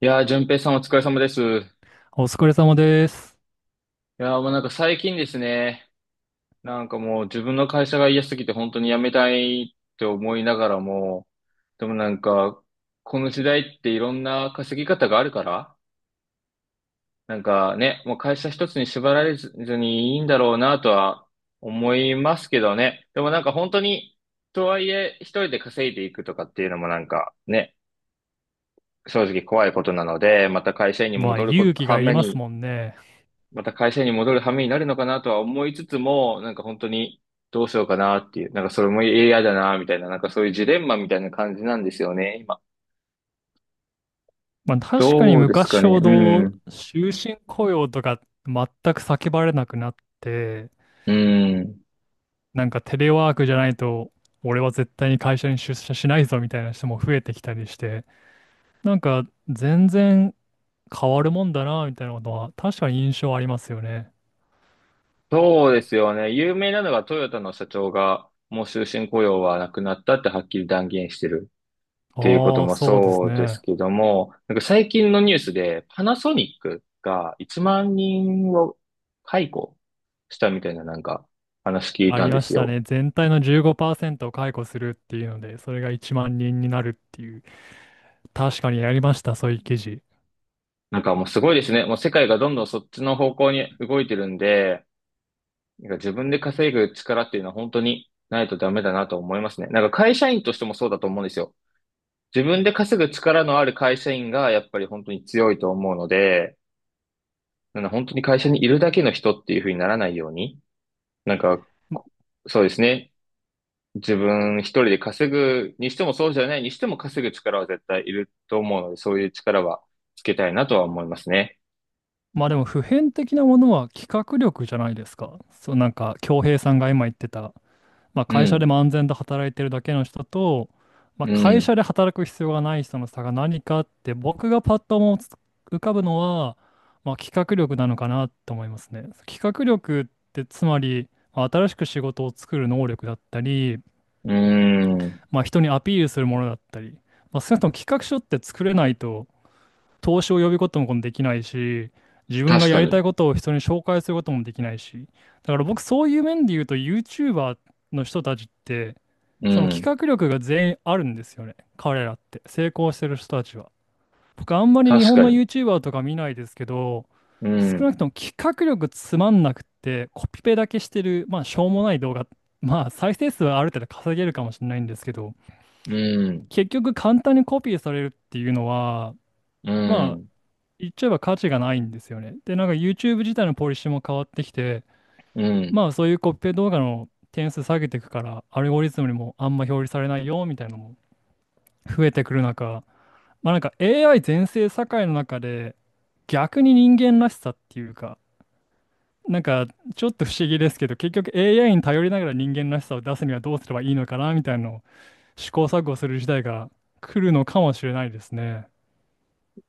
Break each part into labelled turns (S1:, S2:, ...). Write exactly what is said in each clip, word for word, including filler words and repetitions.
S1: いやー、淳平さんお疲れ様です。い
S2: お疲れ様です。
S1: やー、もうなんか最近ですね、なんかもう自分の会社が嫌すぎて本当に辞めたいって思いながらも、でもなんか、この時代っていろんな稼ぎ方があるから、なんかね、もう会社一つに縛られずにいいんだろうなとは思いますけどね。でもなんか本当に、とはいえ一人で稼いでいくとかっていうのもなんかね、正直怖いことなので、また会社員に
S2: まあ、
S1: 戻るこ、
S2: 勇気
S1: は
S2: がいり
S1: め
S2: ます
S1: に、
S2: もんね。
S1: また会社に戻る羽目になるのかなとは思いつつも、なんか本当にどうしようかなっていう、なんかそれも嫌だなみたいな、なんかそういうジレンマみたいな感じなんですよね、今。
S2: まあ、確かに
S1: どうですか
S2: 昔
S1: ね。
S2: ほ
S1: う
S2: ど
S1: ん。
S2: 終身雇用とか全く叫ばれなくなって、
S1: うん。
S2: なんかテレワークじゃないと、俺は絶対に会社に出社しないぞみたいな人も増えてきたりして、なんか全然変わるもんだな、みたいなことは確かに印象ありますよね。
S1: そうですよね。有名なのがトヨタの社長が、もう終身雇用はなくなったってはっきり断言してるっていうこと
S2: ああ、
S1: も
S2: そうです
S1: そうです
S2: ね。
S1: けども、なんか最近のニュースでパナソニックがいちまん人を解雇したみたいななんか話聞い
S2: あ
S1: た
S2: り
S1: んで
S2: まし
S1: す
S2: た
S1: よ。
S2: ね。全体のじゅうごパーセントを解雇するっていうので、それがいちまん人になるっていう。確かにやりました、そういう記事。
S1: なんかもうすごいですね。もう世界がどんどんそっちの方向に動いてるんで、なんか自分で稼ぐ力っていうのは本当にないとダメだなと思いますね。なんか会社員としてもそうだと思うんですよ。自分で稼ぐ力のある会社員がやっぱり本当に強いと思うので、なんか本当に会社にいるだけの人っていう風にならないように、なんか、そうですね。自分一人で稼ぐにしてもそうじゃないにしても稼ぐ力は絶対いると思うので、そういう力はつけたいなとは思いますね。
S2: まあでも普遍的なものは企画力じゃないですか。そうなんか恭平さんが今言ってた、まあ、
S1: う
S2: 会社で
S1: ん。
S2: も安全と働いてるだけの人と、ま
S1: う
S2: あ、会
S1: ん。
S2: 社で働く必要がない人の差が何かって、僕がパッと思い浮かぶのは、まあ、企画力なのかなと思いますね。企画力ってつまり、まあ新しく仕事を作る能力だったり、
S1: うーん。
S2: まあ、人にアピールするものだったり、まあ、少なくとも企画書って作れないと投資を呼び込むこともできないし、自分が
S1: 確
S2: や
S1: か
S2: りた
S1: に。
S2: いことを人に紹介することもできないし、だから僕そういう面で言うと YouTuber の人たちって、
S1: う
S2: その
S1: ん。
S2: 企画力が全員あるんですよね。彼らって。成功してる人たちは。僕あんまり日
S1: 確
S2: 本
S1: か
S2: の
S1: に。
S2: YouTuber とか見ないですけど、
S1: う
S2: 少
S1: ん。
S2: なくとも企画力つまんなくってコピペだけしてる、まあしょうもない動画、まあ再生数はある程度稼げるかもしれないんですけど、
S1: うん。
S2: 結局簡単にコピーされるっていうのは、
S1: う
S2: ま
S1: ん。
S2: 言っちゃえば価値がないんですよね。で、なんか YouTube 自体のポリシーも変わってきて、
S1: うん。
S2: まあそういうコッペ動画の点数下げていくから、アルゴリズムにもあんま表示されないよみたいなのも増えてくる中、まあなんか エーアイ 全盛社会の中で逆に人間らしさっていうか、なんかちょっと不思議ですけど、結局 エーアイ に頼りながら人間らしさを出すにはどうすればいいのかなみたいなのを試行錯誤する時代が来るのかもしれないですね。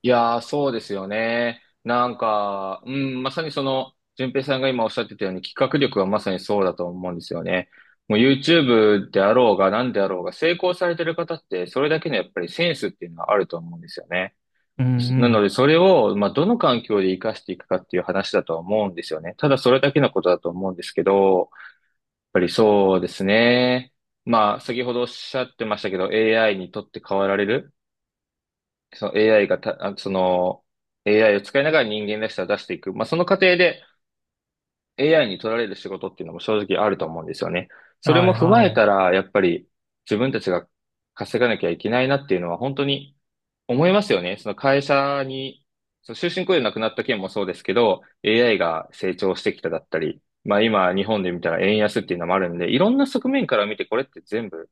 S1: いやー、そうですよね。なんか、うん、まさにその、淳平さんが今おっしゃってたように、企画力はまさにそうだと思うんですよね。もう YouTube であろうが何であろうが、成功されてる方って、それだけのやっぱりセンスっていうのはあると思うんですよね。
S2: う
S1: なの
S2: ん
S1: で、それを、まあ、どの環境で活かしていくかっていう話だとは思うんですよね。ただ、それだけのことだと思うんですけど、ぱりそうですね。まあ、先ほどおっしゃってましたけど、エーアイ にとって変わられる、その エーアイ がた、あその、AI を使いながら人間らしさを出していく。まあ、その過程で、エーアイ に取られる仕事っていうのも正直あると思うんですよね。
S2: う
S1: そ
S2: ん。
S1: れ
S2: は
S1: も
S2: い
S1: 踏まえ
S2: は
S1: た
S2: い。
S1: ら、やっぱり自分たちが稼がなきゃいけないなっていうのは本当に思いますよね。その会社に、その終身雇用なくなった件もそうですけど、エーアイ が成長してきただったり、まあ今日本で見たら円安っていうのもあるんで、いろんな側面から見てこれって全部、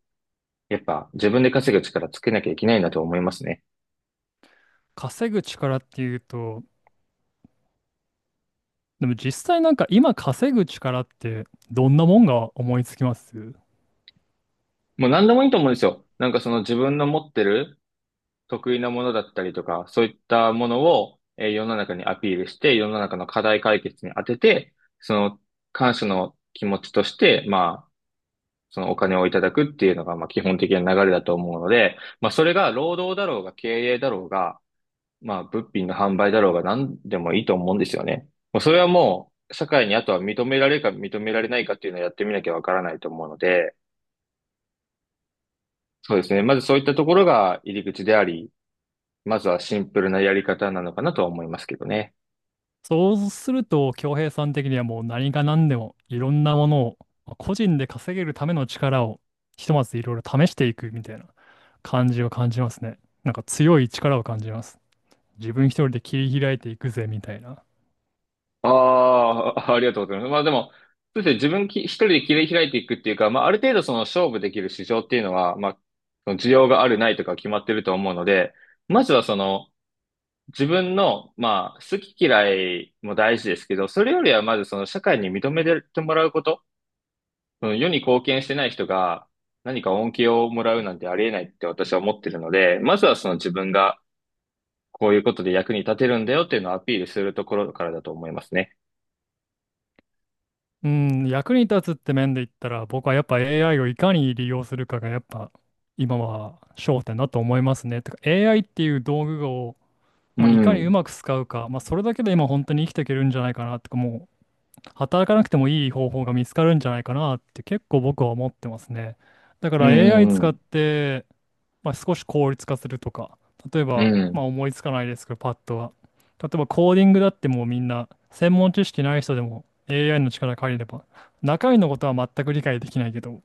S1: やっぱ自分で稼ぐ力つけなきゃいけないなと思いますね。
S2: 稼ぐ力っていうと、でも実際なんか今稼ぐ力ってどんなもんが思いつきます？
S1: もう何でもいいと思うんですよ。なんかその自分の持ってる得意なものだったりとか、そういったものを、えー世の中にアピールして、世の中の課題解決に当てて、その感謝の気持ちとして、まあ、そのお金をいただくっていうのが、まあ、基本的な流れだと思うので、まあ、それが労働だろうが経営だろうが、まあ、物品の販売だろうが何でもいいと思うんですよね。もうそれはもう、社会にあとは認められるか認められないかっていうのをやってみなきゃわからないと思うので、そうですね。まずそういったところが入り口であり、まずはシンプルなやり方なのかなとは思いますけどね。
S2: そうすると、恭平さん的にはもう何が何でもいろんなものをまあ個人で稼げるための力をひとまずいろいろ試していくみたいな感じを感じますね。なんか強い力を感じますね。自分一人で切り開いていくぜみたいな。
S1: ああ、ありがとうございます。まあでも、そうですね、自分き一人で切り開いていくっていうか、まあある程度その勝負できる市場っていうのは、まあ、その需要があるないとか決まってると思うので、まずはその自分の、まあ好き嫌いも大事ですけど、それよりはまずその社会に認めてもらうこと、その世に貢献してない人が何か恩恵をもらうなんてありえないって私は思ってるので、まずはその自分がこういうことで役に立てるんだよっていうのをアピールするところからだと思いますね。
S2: うん、役に立つって面で言ったら、僕はやっぱ エーアイ をいかに利用するかがやっぱ今は焦点だと思いますね。てか エーアイ っていう道具を
S1: う
S2: まあ、いかにう
S1: ん。
S2: まく使うか、まあ、それだけで今本当に生きていけるんじゃないかなとか、もう働かなくてもいい方法が見つかるんじゃないかなって結構僕は思ってますね。だか
S1: う
S2: ら エーアイ
S1: ん、う
S2: 使っ
S1: ん、
S2: て、まあ、少し効率化するとか、例え
S1: う
S2: ば、まあ、
S1: ん。
S2: 思いつかないですけど、パッとは。例えばコーディングだってもうみんな専門知識ない人でも エーアイ の力借りれば、中身のことは全く理解できないけど、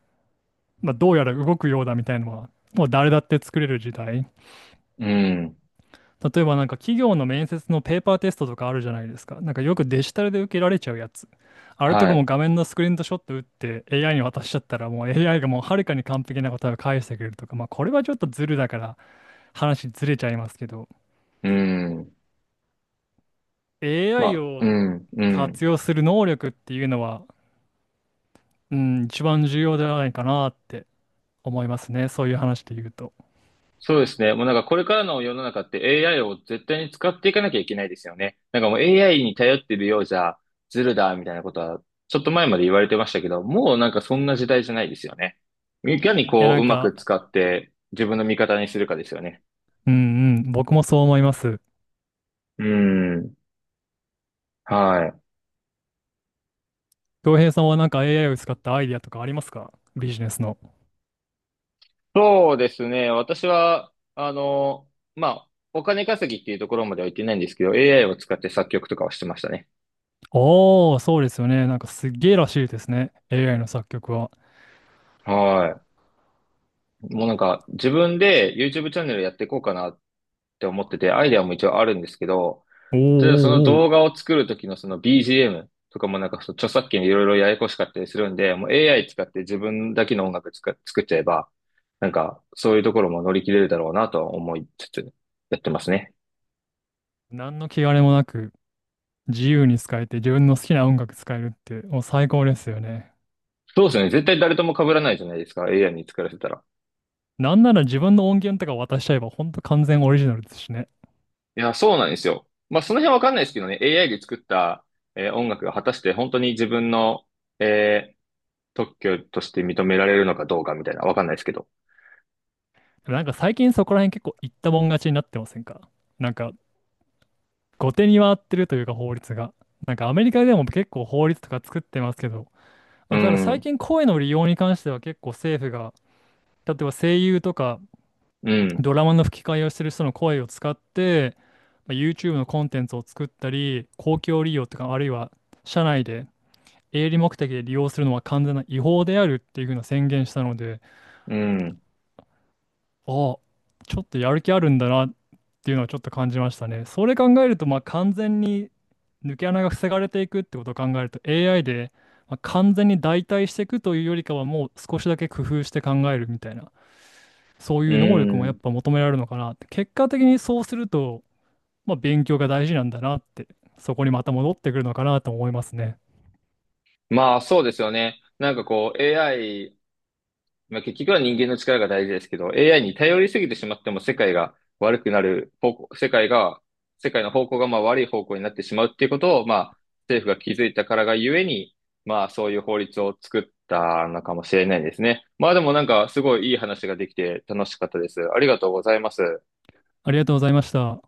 S2: まあ、どうやら動くようだみたいなのは、もう誰だって作れる時代。
S1: うん、うん。
S2: 例えばなんか企業の面接のペーパーテストとかあるじゃないですか。なんかよくデジタルで受けられちゃうやつ。あれと
S1: は
S2: か
S1: い。
S2: も画面のスクリーンショット打って エーアイ に渡しちゃったら、もう エーアイ がもうはるかに完璧な答えを返してくれるとか、まあこれはちょっとズルだから話ずれちゃいますけど、
S1: うん。ま
S2: エーアイ
S1: あ、う
S2: を
S1: ん、う
S2: 活
S1: ん。
S2: 用する能力っていうのは、うん、一番重要じゃないかなって思いますね。そういう話で言うと。
S1: そうですね。もうなんかこれからの世の中って エーアイ を絶対に使っていかなきゃいけないですよね。なんかもう エーアイ に頼ってるようじゃずるだみたいなことはちょっと前まで言われてましたけど、もうなんかそんな時代じゃないですよね。いかに
S2: いや
S1: こ
S2: な
S1: うう
S2: ん
S1: まく
S2: か、
S1: 使って自分の味方にするかですよね。
S2: うんうん、僕もそう思います。
S1: うん。はい。
S2: 恭平さんはなんか エーアイ を使ったアイディアとかありますか？ビジネスの。
S1: そうですね。私は、あの、まあ、お金稼ぎっていうところまでは行ってないんですけど、エーアイ を使って作曲とかはしてましたね。
S2: ああ、そうですよね。なんかすっげえらしいですね。エーアイ の作曲は。
S1: はい。もうなんか、自分で YouTube チャンネルやっていこうかなって思ってて、アイデアも一応あるんですけど、
S2: おーお
S1: 例えばその
S2: ーお
S1: 動
S2: ー。
S1: 画を作る時のその ビージーエム とかもなんかその著作権でいろいろややこしかったりするんで、もう エーアイ 使って自分だけの音楽つか作っちゃえば、なんか、そういうところも乗り切れるだろうなとは思いつつ、やってますね。
S2: 何の気兼ねもなく自由に使えて自分の好きな音楽使えるってもう最高ですよね。
S1: そうですね。絶対誰とも被らないじゃないですか。エーアイ に作らせたら。
S2: なんなら自分の音源とか渡しちゃえばほんと完全オリジナルですしね。
S1: いや、そうなんですよ。まあ、その辺わかんないですけどね。エーアイ で作った、えー音楽が果たして本当に自分の、えー特許として認められるのかどうかみたいな。わかんないですけど。
S2: でもなんか最近そこら辺結構言ったもん勝ちになってませんか？なんか後手に回ってるというか法律が。なんかアメリカでも結構法律とか作ってますけど、
S1: う
S2: まあ、ただ最
S1: ん、
S2: 近声の利用に関しては結構政府が、例えば声優とか
S1: うん、
S2: ドラマの吹き替えをする人の声を使って、まあ YouTube のコンテンツを作ったり、公共利用とか、あるいは社内で営利目的で利用するのは完全な違法であるっていうふうな宣言したので、
S1: うん、
S2: ああ、ちょっとやる気あるんだなっていうのはちょっと感じましたね。それ考えると、まあ完全に抜け穴が防がれていくってことを考えると、 エーアイ で、まあ完全に代替していくというよりかは、もう少しだけ工夫して考えるみたいな、そう
S1: う
S2: いう能力もやっ
S1: ん。
S2: ぱ求められるのかなって。結果的にそうすると、まあ、勉強が大事なんだなって、そこにまた戻ってくるのかなと思いますね。
S1: まあ、そうですよね。なんかこう、エーアイ まあ、結局は人間の力が大事ですけど、エーアイ に頼りすぎてしまっても世界が悪くなる方向、世界が、世界の方向がまあ悪い方向になってしまうっていうことを、まあ、政府が気づいたからがゆえに、まあ、そういう法律を作ったのかもしれないですね。まあ、でもなんか、すごいいい話ができて楽しかったです。ありがとうございます。
S2: ありがとうございました。